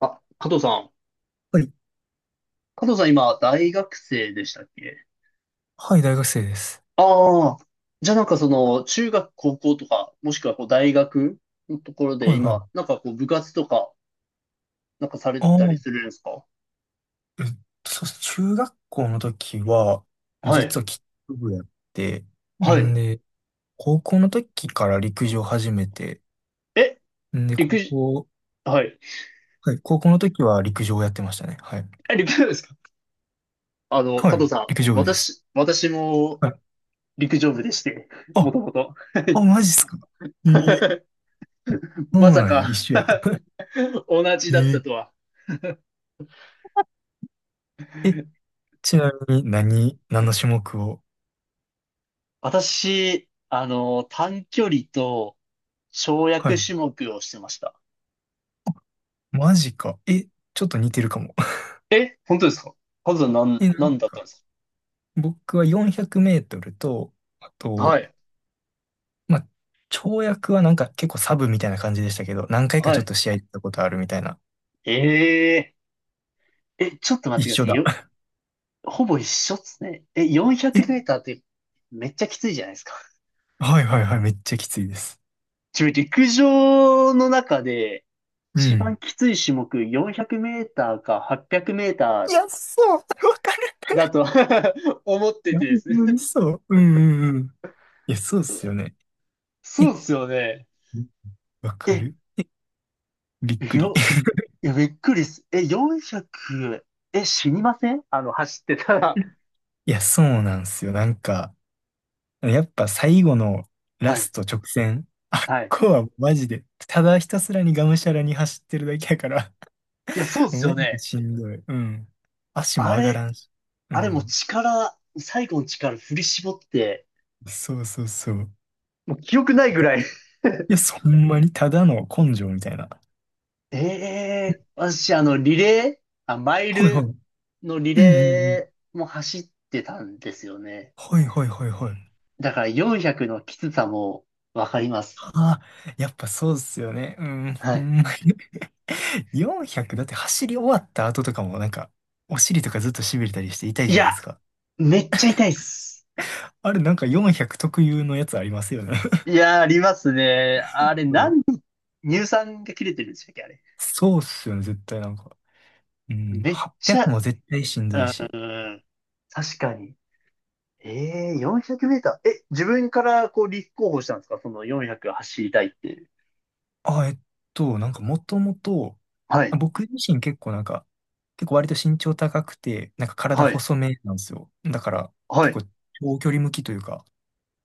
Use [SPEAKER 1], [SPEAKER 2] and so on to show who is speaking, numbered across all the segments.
[SPEAKER 1] あ、加藤さん。
[SPEAKER 2] はい、
[SPEAKER 1] 加藤さん、今大学生でしたっけ？
[SPEAKER 2] はい、大学生です。
[SPEAKER 1] ああー。じゃあなんかその、中学、高校とか、もしくはこう大学のところで
[SPEAKER 2] はい、は
[SPEAKER 1] 今、
[SPEAKER 2] い。
[SPEAKER 1] なんかこう部活とか、なんかされ
[SPEAKER 2] あ
[SPEAKER 1] てたり
[SPEAKER 2] あ
[SPEAKER 1] するんですか？
[SPEAKER 2] えっそうです、中学校の時は、
[SPEAKER 1] は
[SPEAKER 2] 実
[SPEAKER 1] い。
[SPEAKER 2] はキック部やって、
[SPEAKER 1] はい。
[SPEAKER 2] んで、高校の時から陸上始めて、
[SPEAKER 1] え、
[SPEAKER 2] んで、で、高
[SPEAKER 1] 陸上、
[SPEAKER 2] 校、
[SPEAKER 1] はい。
[SPEAKER 2] はい。高校の時は陸上をやってましたね。はい。
[SPEAKER 1] え、陸上部ですか？あの、加
[SPEAKER 2] はい、
[SPEAKER 1] 藤さん、
[SPEAKER 2] 陸上部です。
[SPEAKER 1] 私も
[SPEAKER 2] はい。
[SPEAKER 1] 陸上部でして、も
[SPEAKER 2] あ、
[SPEAKER 1] ともと。
[SPEAKER 2] あ、マジっすか。ええ、 そ
[SPEAKER 1] ま
[SPEAKER 2] う
[SPEAKER 1] さ
[SPEAKER 2] なんや、
[SPEAKER 1] か、
[SPEAKER 2] 一緒や。
[SPEAKER 1] 同じだった
[SPEAKER 2] え
[SPEAKER 1] とは。
[SPEAKER 2] え、え、ちなみに何、何の種目を？
[SPEAKER 1] 私、あの、短距離と、跳
[SPEAKER 2] は
[SPEAKER 1] 躍
[SPEAKER 2] い。
[SPEAKER 1] 種目をしてました。
[SPEAKER 2] マジか。え、ちょっと似てるかも。
[SPEAKER 1] 本当ですか？数な ん、
[SPEAKER 2] え、な
[SPEAKER 1] な
[SPEAKER 2] ん
[SPEAKER 1] んだったん
[SPEAKER 2] か
[SPEAKER 1] です
[SPEAKER 2] 僕は400メートルと、あ
[SPEAKER 1] か？は
[SPEAKER 2] と、
[SPEAKER 1] い。
[SPEAKER 2] まあ、跳躍はなんか結構サブみたいな感じでしたけど、何回か
[SPEAKER 1] は
[SPEAKER 2] ちょっ
[SPEAKER 1] い。
[SPEAKER 2] と試合行ったことあるみたいな。
[SPEAKER 1] ええー、ちょっと待っ
[SPEAKER 2] 一
[SPEAKER 1] てくだ
[SPEAKER 2] 緒
[SPEAKER 1] さい。
[SPEAKER 2] だ。
[SPEAKER 1] ほぼ一緒っすね。え、
[SPEAKER 2] え、
[SPEAKER 1] 400メーターってめっちゃきついじゃないですか。
[SPEAKER 2] はいはいはい、めっちゃきついです。
[SPEAKER 1] 自分陸上の中で
[SPEAKER 2] う
[SPEAKER 1] 一番
[SPEAKER 2] ん。
[SPEAKER 1] きつい種目400メーターか800メー
[SPEAKER 2] い
[SPEAKER 1] ター
[SPEAKER 2] や、そう、わかる。
[SPEAKER 1] だと 思っ
[SPEAKER 2] い
[SPEAKER 1] て
[SPEAKER 2] や、
[SPEAKER 1] て
[SPEAKER 2] ほ
[SPEAKER 1] で
[SPEAKER 2] ん
[SPEAKER 1] すね。
[SPEAKER 2] まにそう。うんうんうん。いや、そうっすよね。
[SPEAKER 1] そ
[SPEAKER 2] え、
[SPEAKER 1] うっすよね。
[SPEAKER 2] わか
[SPEAKER 1] え、
[SPEAKER 2] る、え、びっくり。
[SPEAKER 1] よ、いや、びっくりっす。え、400、死にません？あの、走ってたら。
[SPEAKER 2] いや、そうなんすよ。なんか、やっぱ最後のラ
[SPEAKER 1] は
[SPEAKER 2] ス
[SPEAKER 1] い。
[SPEAKER 2] ト直線、あっ
[SPEAKER 1] はい。
[SPEAKER 2] こはマジで、ただひたすらにがむしゃらに走ってるだけやから、
[SPEAKER 1] いや、そうっすよ
[SPEAKER 2] マジで
[SPEAKER 1] ね。
[SPEAKER 2] しんどい。うん。足も
[SPEAKER 1] あ
[SPEAKER 2] 上が
[SPEAKER 1] れ、
[SPEAKER 2] らんし。う
[SPEAKER 1] あれもう
[SPEAKER 2] ん。
[SPEAKER 1] 力、最後の力振り絞って、
[SPEAKER 2] そうそうそう。
[SPEAKER 1] もう記憶ないぐ
[SPEAKER 2] がい
[SPEAKER 1] らい。
[SPEAKER 2] や、そんまにただの根性みたいな。
[SPEAKER 1] ええ、私あの、リレー、あ、マイ
[SPEAKER 2] はいはい。う
[SPEAKER 1] ル
[SPEAKER 2] ん
[SPEAKER 1] のリ
[SPEAKER 2] うんうん。
[SPEAKER 1] レーも走ってたんですよね。
[SPEAKER 2] はいはいはいはい。
[SPEAKER 1] だから400のきつさもわかります。
[SPEAKER 2] ああ、やっぱそうっすよね。うん。
[SPEAKER 1] は
[SPEAKER 2] ほ
[SPEAKER 1] い。
[SPEAKER 2] んまに。400だって走り終わった後とかもなんか、お尻とかずっと痺れたりして痛い
[SPEAKER 1] い
[SPEAKER 2] じゃないで
[SPEAKER 1] や、
[SPEAKER 2] すか。
[SPEAKER 1] めっちゃ痛いっす。
[SPEAKER 2] あれなんか400特有のやつありますよね。
[SPEAKER 1] いや、ありますね。
[SPEAKER 2] そ
[SPEAKER 1] あれ、
[SPEAKER 2] う、
[SPEAKER 1] 乳酸が切れてるんでしたっけ、あれ。
[SPEAKER 2] そうっすよね、絶対なんか。うん。
[SPEAKER 1] めっち
[SPEAKER 2] 800
[SPEAKER 1] ゃ、
[SPEAKER 2] も絶対しんどいし。
[SPEAKER 1] うん、確かに。ええ、400メーター。え、自分からこう立候補したんですか？その400走りたいって。
[SPEAKER 2] あ、なんかもともと、
[SPEAKER 1] は
[SPEAKER 2] ま
[SPEAKER 1] い、
[SPEAKER 2] あ僕自身結構なんか、結構割と身長高くて、なんか体
[SPEAKER 1] はい、
[SPEAKER 2] 細めなんですよ。だから
[SPEAKER 1] は
[SPEAKER 2] 結
[SPEAKER 1] い。
[SPEAKER 2] 構長距離向きというか、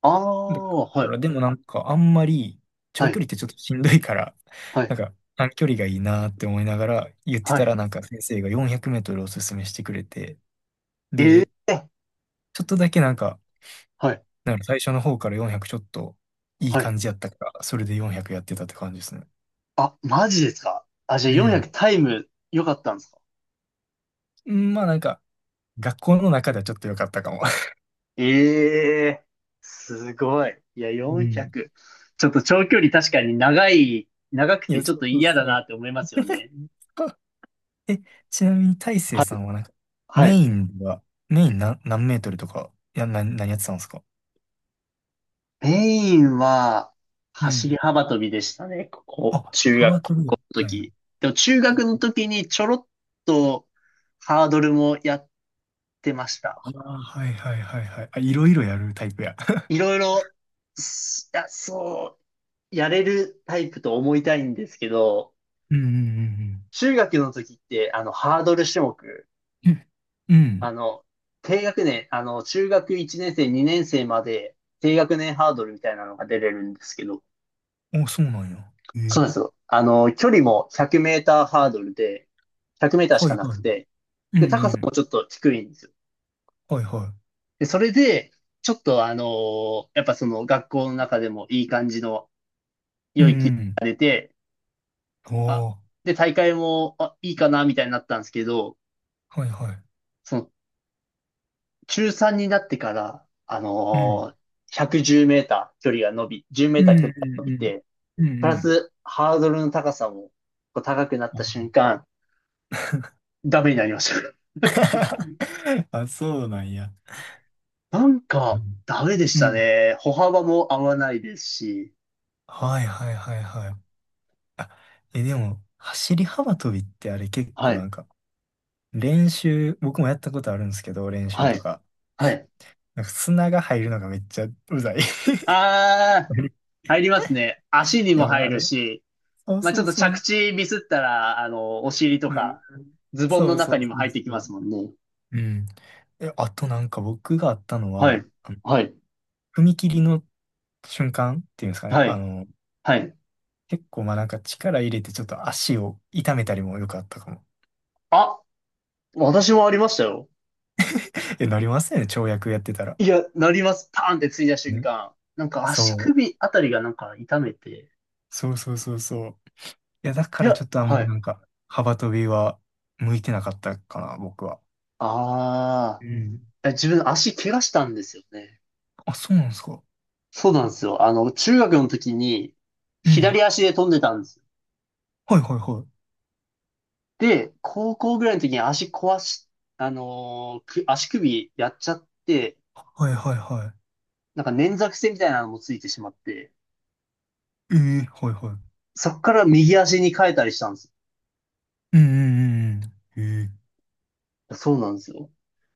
[SPEAKER 1] あ
[SPEAKER 2] だか
[SPEAKER 1] あ、はい、
[SPEAKER 2] らでもなんかあんまり
[SPEAKER 1] は
[SPEAKER 2] 長
[SPEAKER 1] い、
[SPEAKER 2] 距離ってちょっとしんどいから、
[SPEAKER 1] は
[SPEAKER 2] なん
[SPEAKER 1] い、
[SPEAKER 2] か短距離がいいなって思いながら言って
[SPEAKER 1] は
[SPEAKER 2] た
[SPEAKER 1] い。
[SPEAKER 2] らなんか先生が400メートルおすすめしてくれて、
[SPEAKER 1] え
[SPEAKER 2] で、
[SPEAKER 1] え、
[SPEAKER 2] ちょっとだけなんか、
[SPEAKER 1] はい、
[SPEAKER 2] なんか最初の方から400ちょっといい
[SPEAKER 1] はい。
[SPEAKER 2] 感じやったから、それで400やってたって感じですね。
[SPEAKER 1] あ、マジですか？あ、じゃあ
[SPEAKER 2] うん。
[SPEAKER 1] 400タイム良かったんですか？
[SPEAKER 2] うん、まあなんか、学校の中ではちょっと良かったかも。
[SPEAKER 1] ええ、すごい。いや、
[SPEAKER 2] うん。
[SPEAKER 1] 400。ちょっと長距離確かに長い、長く
[SPEAKER 2] い
[SPEAKER 1] て
[SPEAKER 2] や、
[SPEAKER 1] ちょっ
[SPEAKER 2] そ
[SPEAKER 1] と
[SPEAKER 2] うそう
[SPEAKER 1] 嫌だ
[SPEAKER 2] そ
[SPEAKER 1] な
[SPEAKER 2] う。
[SPEAKER 1] って思いますよね。
[SPEAKER 2] え、ちなみに大成
[SPEAKER 1] は
[SPEAKER 2] さ
[SPEAKER 1] い、
[SPEAKER 2] んはなんか、
[SPEAKER 1] は
[SPEAKER 2] メ
[SPEAKER 1] い。
[SPEAKER 2] インでは、メイン何、何メートルとか、いや、な、何やってたんですか？
[SPEAKER 1] メインは、
[SPEAKER 2] う
[SPEAKER 1] 走り
[SPEAKER 2] ん。
[SPEAKER 1] 幅跳びでしたね。ここ、
[SPEAKER 2] あ、
[SPEAKER 1] 中学
[SPEAKER 2] 幅取るや
[SPEAKER 1] 校
[SPEAKER 2] っ
[SPEAKER 1] の
[SPEAKER 2] たんや。
[SPEAKER 1] 時。でも中学の時にちょろっとハードルもやってました。
[SPEAKER 2] ああ、はいはいはいはい。あ、いろいろやるタイプや。
[SPEAKER 1] いろいろ、いや、そう、やれるタイプと思いたいんですけど、
[SPEAKER 2] うんうん
[SPEAKER 1] 中学の時って、あの、ハードル種目、
[SPEAKER 2] うんう
[SPEAKER 1] あ
[SPEAKER 2] ん。
[SPEAKER 1] の、低学年、あの、中学1年生、2年生まで低学年ハードルみたいなのが出れるんですけど、
[SPEAKER 2] うん、お、そうなんや。
[SPEAKER 1] そ
[SPEAKER 2] え、
[SPEAKER 1] うなんですよ。あの、距離も100メーターハードルで、100メーターし
[SPEAKER 2] は
[SPEAKER 1] か
[SPEAKER 2] い
[SPEAKER 1] なく
[SPEAKER 2] はい。
[SPEAKER 1] て、
[SPEAKER 2] うん。う
[SPEAKER 1] で、高
[SPEAKER 2] んう
[SPEAKER 1] さも
[SPEAKER 2] ん。
[SPEAKER 1] ちょっと低いんですよ。
[SPEAKER 2] はいは
[SPEAKER 1] で、それで、ちょっとあのーやっぱその学校の中でもいい感じの
[SPEAKER 2] い。う
[SPEAKER 1] 良い気が
[SPEAKER 2] ん
[SPEAKER 1] 出て、
[SPEAKER 2] うん。
[SPEAKER 1] あ、
[SPEAKER 2] おー、
[SPEAKER 1] で、大会も、あ、いいかな、みたいになったんですけど、
[SPEAKER 2] はいはい。
[SPEAKER 1] その、中3になってから、あ
[SPEAKER 2] うん。
[SPEAKER 1] のー110メーター距離が伸び、10メ
[SPEAKER 2] う
[SPEAKER 1] ーター
[SPEAKER 2] ん
[SPEAKER 1] 距離
[SPEAKER 2] う
[SPEAKER 1] が伸び
[SPEAKER 2] ん
[SPEAKER 1] て、
[SPEAKER 2] うん。うんう
[SPEAKER 1] プラ
[SPEAKER 2] ん。
[SPEAKER 1] スハードルの高さもこう高くなっ
[SPEAKER 2] あ。
[SPEAKER 1] た瞬間、ダメになりました。
[SPEAKER 2] あ、そうなんや。
[SPEAKER 1] なん
[SPEAKER 2] う
[SPEAKER 1] か、
[SPEAKER 2] ん
[SPEAKER 1] ダメでし
[SPEAKER 2] う
[SPEAKER 1] た
[SPEAKER 2] ん。
[SPEAKER 1] ね。歩幅も合わないですし。
[SPEAKER 2] はいはいはいはい。あ、え、でも、走り幅跳びってあれ結
[SPEAKER 1] は
[SPEAKER 2] 構
[SPEAKER 1] い。
[SPEAKER 2] なんか、練習、僕もやったことあるんですけど、練習
[SPEAKER 1] は
[SPEAKER 2] と
[SPEAKER 1] い。
[SPEAKER 2] か。
[SPEAKER 1] はい。
[SPEAKER 2] なんか砂が入るのがめっちゃうざい。
[SPEAKER 1] あー、入りますね。足にも
[SPEAKER 2] でも
[SPEAKER 1] 入
[SPEAKER 2] あ
[SPEAKER 1] る
[SPEAKER 2] れ、
[SPEAKER 1] し、
[SPEAKER 2] そう
[SPEAKER 1] まあ、ち
[SPEAKER 2] そ
[SPEAKER 1] ょっ
[SPEAKER 2] う
[SPEAKER 1] と着
[SPEAKER 2] そ
[SPEAKER 1] 地ミスったら、あの、お尻と
[SPEAKER 2] う。うん。
[SPEAKER 1] か、ズボン
[SPEAKER 2] そ
[SPEAKER 1] の
[SPEAKER 2] うそ
[SPEAKER 1] 中
[SPEAKER 2] う
[SPEAKER 1] に
[SPEAKER 2] そ
[SPEAKER 1] も入
[SPEAKER 2] う
[SPEAKER 1] ってきま
[SPEAKER 2] そ
[SPEAKER 1] すもんね。
[SPEAKER 2] う。うん。え、あとなんか僕があったの
[SPEAKER 1] は
[SPEAKER 2] は、
[SPEAKER 1] い。
[SPEAKER 2] あの
[SPEAKER 1] はい。
[SPEAKER 2] 踏切の瞬間っていうんですかね。
[SPEAKER 1] は
[SPEAKER 2] あ
[SPEAKER 1] い。
[SPEAKER 2] の、
[SPEAKER 1] はい。
[SPEAKER 2] 結構まあなんか力入れてちょっと足を痛めたりもよくあったかも。
[SPEAKER 1] あ、私もありましたよ。
[SPEAKER 2] え、なりますよね、跳躍やってたら。
[SPEAKER 1] いや、なります。パーンってついた瞬
[SPEAKER 2] ね。
[SPEAKER 1] 間。なんか
[SPEAKER 2] そ
[SPEAKER 1] 足
[SPEAKER 2] う。
[SPEAKER 1] 首あたりがなんか痛めて。
[SPEAKER 2] そうそうそうそう。いや、だか
[SPEAKER 1] い
[SPEAKER 2] ら
[SPEAKER 1] や、
[SPEAKER 2] ちょっとあん
[SPEAKER 1] は
[SPEAKER 2] ま
[SPEAKER 1] い。
[SPEAKER 2] なんか、幅跳びは向いてなかったかな、僕は。
[SPEAKER 1] あ
[SPEAKER 2] うん。
[SPEAKER 1] あ、え、自分足怪我したんですよね。
[SPEAKER 2] あ、そうなんですか。
[SPEAKER 1] そうなんですよ。あの、中学の時に
[SPEAKER 2] うん。
[SPEAKER 1] 左足で飛んでたんです。
[SPEAKER 2] はいはいはい。
[SPEAKER 1] で、高校ぐらいの時に足壊し、あのーく足首やっちゃって、
[SPEAKER 2] はいはいは
[SPEAKER 1] なんか捻挫癖みたいなのもついてしまって、
[SPEAKER 2] い。ええ、はいはい。
[SPEAKER 1] そっから右足に変えたりしたんです。
[SPEAKER 2] うんうんうんうん。ええ、
[SPEAKER 1] そうなんですよ。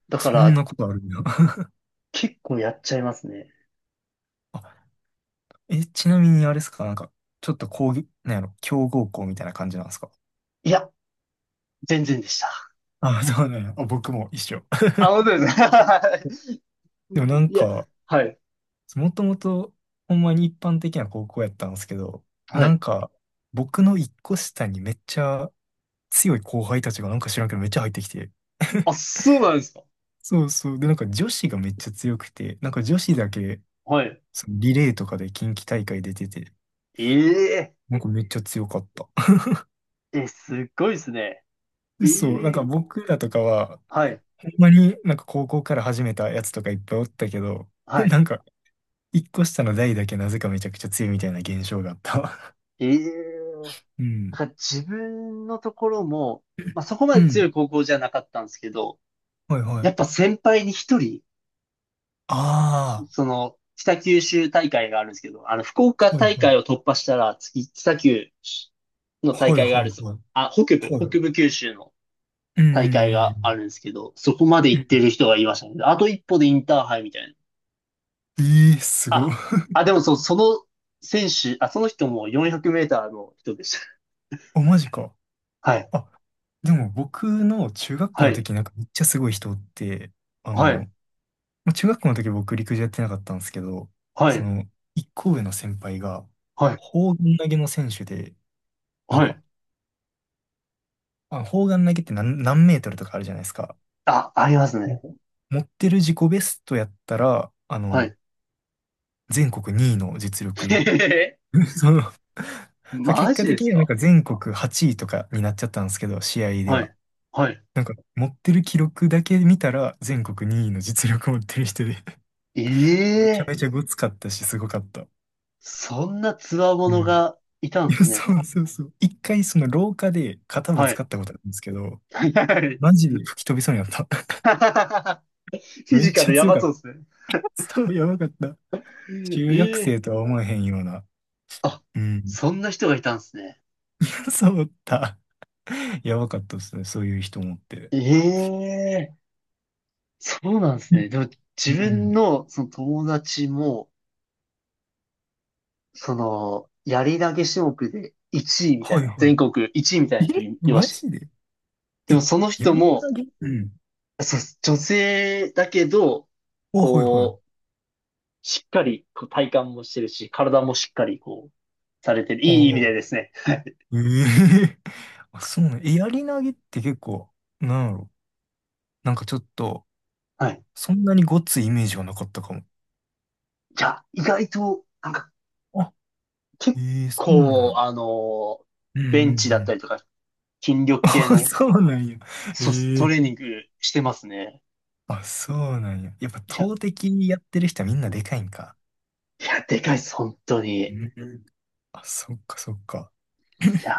[SPEAKER 1] だか
[SPEAKER 2] そん
[SPEAKER 1] ら
[SPEAKER 2] なことあるんだ。
[SPEAKER 1] 結構やっちゃいますね。
[SPEAKER 2] あ、え、ちなみにあれですか、なんか、ちょっと講義、なんやろ、強豪校みたいな感じなんですか。
[SPEAKER 1] いや、全然でした。
[SPEAKER 2] あ、そうなんや。あ、僕も一緒。
[SPEAKER 1] あ、本当ですか？ はい
[SPEAKER 2] でもなん
[SPEAKER 1] や、
[SPEAKER 2] か、
[SPEAKER 1] はい。
[SPEAKER 2] もともと、ほんまに一般的な高校やったんですけど、
[SPEAKER 1] は
[SPEAKER 2] な
[SPEAKER 1] い。
[SPEAKER 2] んか、僕の一個下にめっちゃ強い後輩たちがなんか知らんけどめっちゃ入ってきて。
[SPEAKER 1] あ、そうなんですか。
[SPEAKER 2] そうそう。で、なんか女子がめっちゃ強くて、なんか女子だけ、
[SPEAKER 1] はい。
[SPEAKER 2] そのリレーとかで近畿大会出てて、
[SPEAKER 1] ええ、
[SPEAKER 2] なんかめっちゃ強かった。
[SPEAKER 1] えすっごいですね。え
[SPEAKER 2] そう、なんか
[SPEAKER 1] え、
[SPEAKER 2] 僕らとかは、
[SPEAKER 1] はい。
[SPEAKER 2] ほんまになんか高校から始めたやつとかいっぱいおったけど、
[SPEAKER 1] はい。
[SPEAKER 2] なんか一個下の代だけなぜかめちゃくちゃ強いみたいな現象があった。
[SPEAKER 1] ええ、
[SPEAKER 2] う
[SPEAKER 1] だ
[SPEAKER 2] ん。
[SPEAKER 1] から自分のところも、まあ、そこま
[SPEAKER 2] う
[SPEAKER 1] で強い
[SPEAKER 2] ん。
[SPEAKER 1] 高校じゃなかったんですけど、
[SPEAKER 2] はいは
[SPEAKER 1] やっぱ
[SPEAKER 2] い。
[SPEAKER 1] 先輩に一人、
[SPEAKER 2] あ
[SPEAKER 1] その、北九州大会があるんですけど、あの、福岡
[SPEAKER 2] あ、はい
[SPEAKER 1] 大
[SPEAKER 2] は
[SPEAKER 1] 会を
[SPEAKER 2] い。
[SPEAKER 1] 突破したら、次、北九の大
[SPEAKER 2] はい
[SPEAKER 1] 会が
[SPEAKER 2] は
[SPEAKER 1] あ
[SPEAKER 2] い
[SPEAKER 1] るぞ。
[SPEAKER 2] はい。
[SPEAKER 1] あ、北部、
[SPEAKER 2] はい。
[SPEAKER 1] 北部九州の
[SPEAKER 2] う
[SPEAKER 1] 大会があ
[SPEAKER 2] ん。
[SPEAKER 1] るんですけど、そこまで
[SPEAKER 2] う
[SPEAKER 1] 行っ
[SPEAKER 2] ん。
[SPEAKER 1] てる人がいましたね。あと一歩でインターハイみたいな。
[SPEAKER 2] ええー、すごい。
[SPEAKER 1] あ、でもそう、その選手、あ、その人も400メーターの人でした。
[SPEAKER 2] あ、マジか。
[SPEAKER 1] はい、
[SPEAKER 2] あ、でも僕の中学校
[SPEAKER 1] は
[SPEAKER 2] の
[SPEAKER 1] い、
[SPEAKER 2] 時なんかめっちゃすごい人おって、あ
[SPEAKER 1] は
[SPEAKER 2] の、
[SPEAKER 1] い、
[SPEAKER 2] まあ中学校の時僕陸上やってなかったんですけど、
[SPEAKER 1] は
[SPEAKER 2] そ
[SPEAKER 1] い、
[SPEAKER 2] の、一個上の先輩が、
[SPEAKER 1] はい、
[SPEAKER 2] 砲丸投げの選手で、なん
[SPEAKER 1] はい。
[SPEAKER 2] か、あ、砲丸投げって何、何メートルとかあるじゃないですか。
[SPEAKER 1] あ、あります
[SPEAKER 2] う
[SPEAKER 1] ね。
[SPEAKER 2] ん、持ってる自己ベストやったら、あ
[SPEAKER 1] は
[SPEAKER 2] の、
[SPEAKER 1] い。
[SPEAKER 2] 全国2位の実
[SPEAKER 1] へ
[SPEAKER 2] 力。
[SPEAKER 1] へへ。
[SPEAKER 2] そう、そう、
[SPEAKER 1] マ
[SPEAKER 2] 結果
[SPEAKER 1] ジで
[SPEAKER 2] 的
[SPEAKER 1] す
[SPEAKER 2] にはなん
[SPEAKER 1] か？
[SPEAKER 2] か全国8位とかになっちゃったんですけど、試合で
[SPEAKER 1] は
[SPEAKER 2] は。
[SPEAKER 1] い。はい。
[SPEAKER 2] なんか持ってる記録だけ見たら全国2位の実力持ってる人で めちゃ
[SPEAKER 1] ええ、
[SPEAKER 2] めちゃごつかったし、すごかった。
[SPEAKER 1] そんな強
[SPEAKER 2] う
[SPEAKER 1] 者
[SPEAKER 2] ん。
[SPEAKER 1] がいたん
[SPEAKER 2] い
[SPEAKER 1] で
[SPEAKER 2] や、
[SPEAKER 1] すね。
[SPEAKER 2] そうそうそう。一回その廊下で肩ぶ
[SPEAKER 1] は
[SPEAKER 2] つか
[SPEAKER 1] い。
[SPEAKER 2] ったことあるんですけど、
[SPEAKER 1] はい。
[SPEAKER 2] マジで吹き飛びそうになった。
[SPEAKER 1] フィ
[SPEAKER 2] めっ
[SPEAKER 1] ジカ
[SPEAKER 2] ちゃ
[SPEAKER 1] ルや
[SPEAKER 2] 強
[SPEAKER 1] ば
[SPEAKER 2] かっ
[SPEAKER 1] そう
[SPEAKER 2] た。
[SPEAKER 1] ですね。
[SPEAKER 2] そう、やばかった。中学
[SPEAKER 1] ええ、
[SPEAKER 2] 生とは思えへんような。
[SPEAKER 1] あ、
[SPEAKER 2] うん。
[SPEAKER 1] そんな人がいたんですね。
[SPEAKER 2] そうだった。やばかったですね、そういう人もって。
[SPEAKER 1] ええ、そうなんですね。でも、
[SPEAKER 2] う
[SPEAKER 1] 自
[SPEAKER 2] ん。
[SPEAKER 1] 分の、その友達も、その、やり投げ種目で1位みたい
[SPEAKER 2] は
[SPEAKER 1] な、
[SPEAKER 2] いは
[SPEAKER 1] 全国1位みたい
[SPEAKER 2] い。
[SPEAKER 1] な人
[SPEAKER 2] え、
[SPEAKER 1] いま
[SPEAKER 2] マ
[SPEAKER 1] した。
[SPEAKER 2] ジで？え、
[SPEAKER 1] でも、その
[SPEAKER 2] や
[SPEAKER 1] 人
[SPEAKER 2] り
[SPEAKER 1] も、
[SPEAKER 2] 投げ、うん。
[SPEAKER 1] そう、女性だけど、
[SPEAKER 2] あ、はいは
[SPEAKER 1] こう、
[SPEAKER 2] い。
[SPEAKER 1] しっかり、こう体幹もしてるし、体もしっかり、こう、されてる。
[SPEAKER 2] あ
[SPEAKER 1] いい意味
[SPEAKER 2] あ、
[SPEAKER 1] でですね。
[SPEAKER 2] ええ。 あ、そうね。え、やり投げって結構、なんやろ、なんかちょっと、
[SPEAKER 1] はい。
[SPEAKER 2] そんなにごっついイメージはなかったかも。
[SPEAKER 1] いや、意外と、なんか、
[SPEAKER 2] あ、
[SPEAKER 1] 結
[SPEAKER 2] ええ、そうなん
[SPEAKER 1] 構、
[SPEAKER 2] や。
[SPEAKER 1] あの、
[SPEAKER 2] うんう
[SPEAKER 1] ベン
[SPEAKER 2] ん
[SPEAKER 1] チだっ
[SPEAKER 2] う
[SPEAKER 1] た
[SPEAKER 2] ん。
[SPEAKER 1] りとか、筋 力系
[SPEAKER 2] あ、
[SPEAKER 1] の、
[SPEAKER 2] そうなんや。
[SPEAKER 1] そう、
[SPEAKER 2] え
[SPEAKER 1] トレー
[SPEAKER 2] え、
[SPEAKER 1] ニングしてますね。
[SPEAKER 2] あ、そうなんや。やっぱ
[SPEAKER 1] いや、い
[SPEAKER 2] 投擲やってる人はみんなでかいんか。
[SPEAKER 1] や、でかいです、本当に。
[SPEAKER 2] う
[SPEAKER 1] い
[SPEAKER 2] ん、あ、そっかそっか。
[SPEAKER 1] や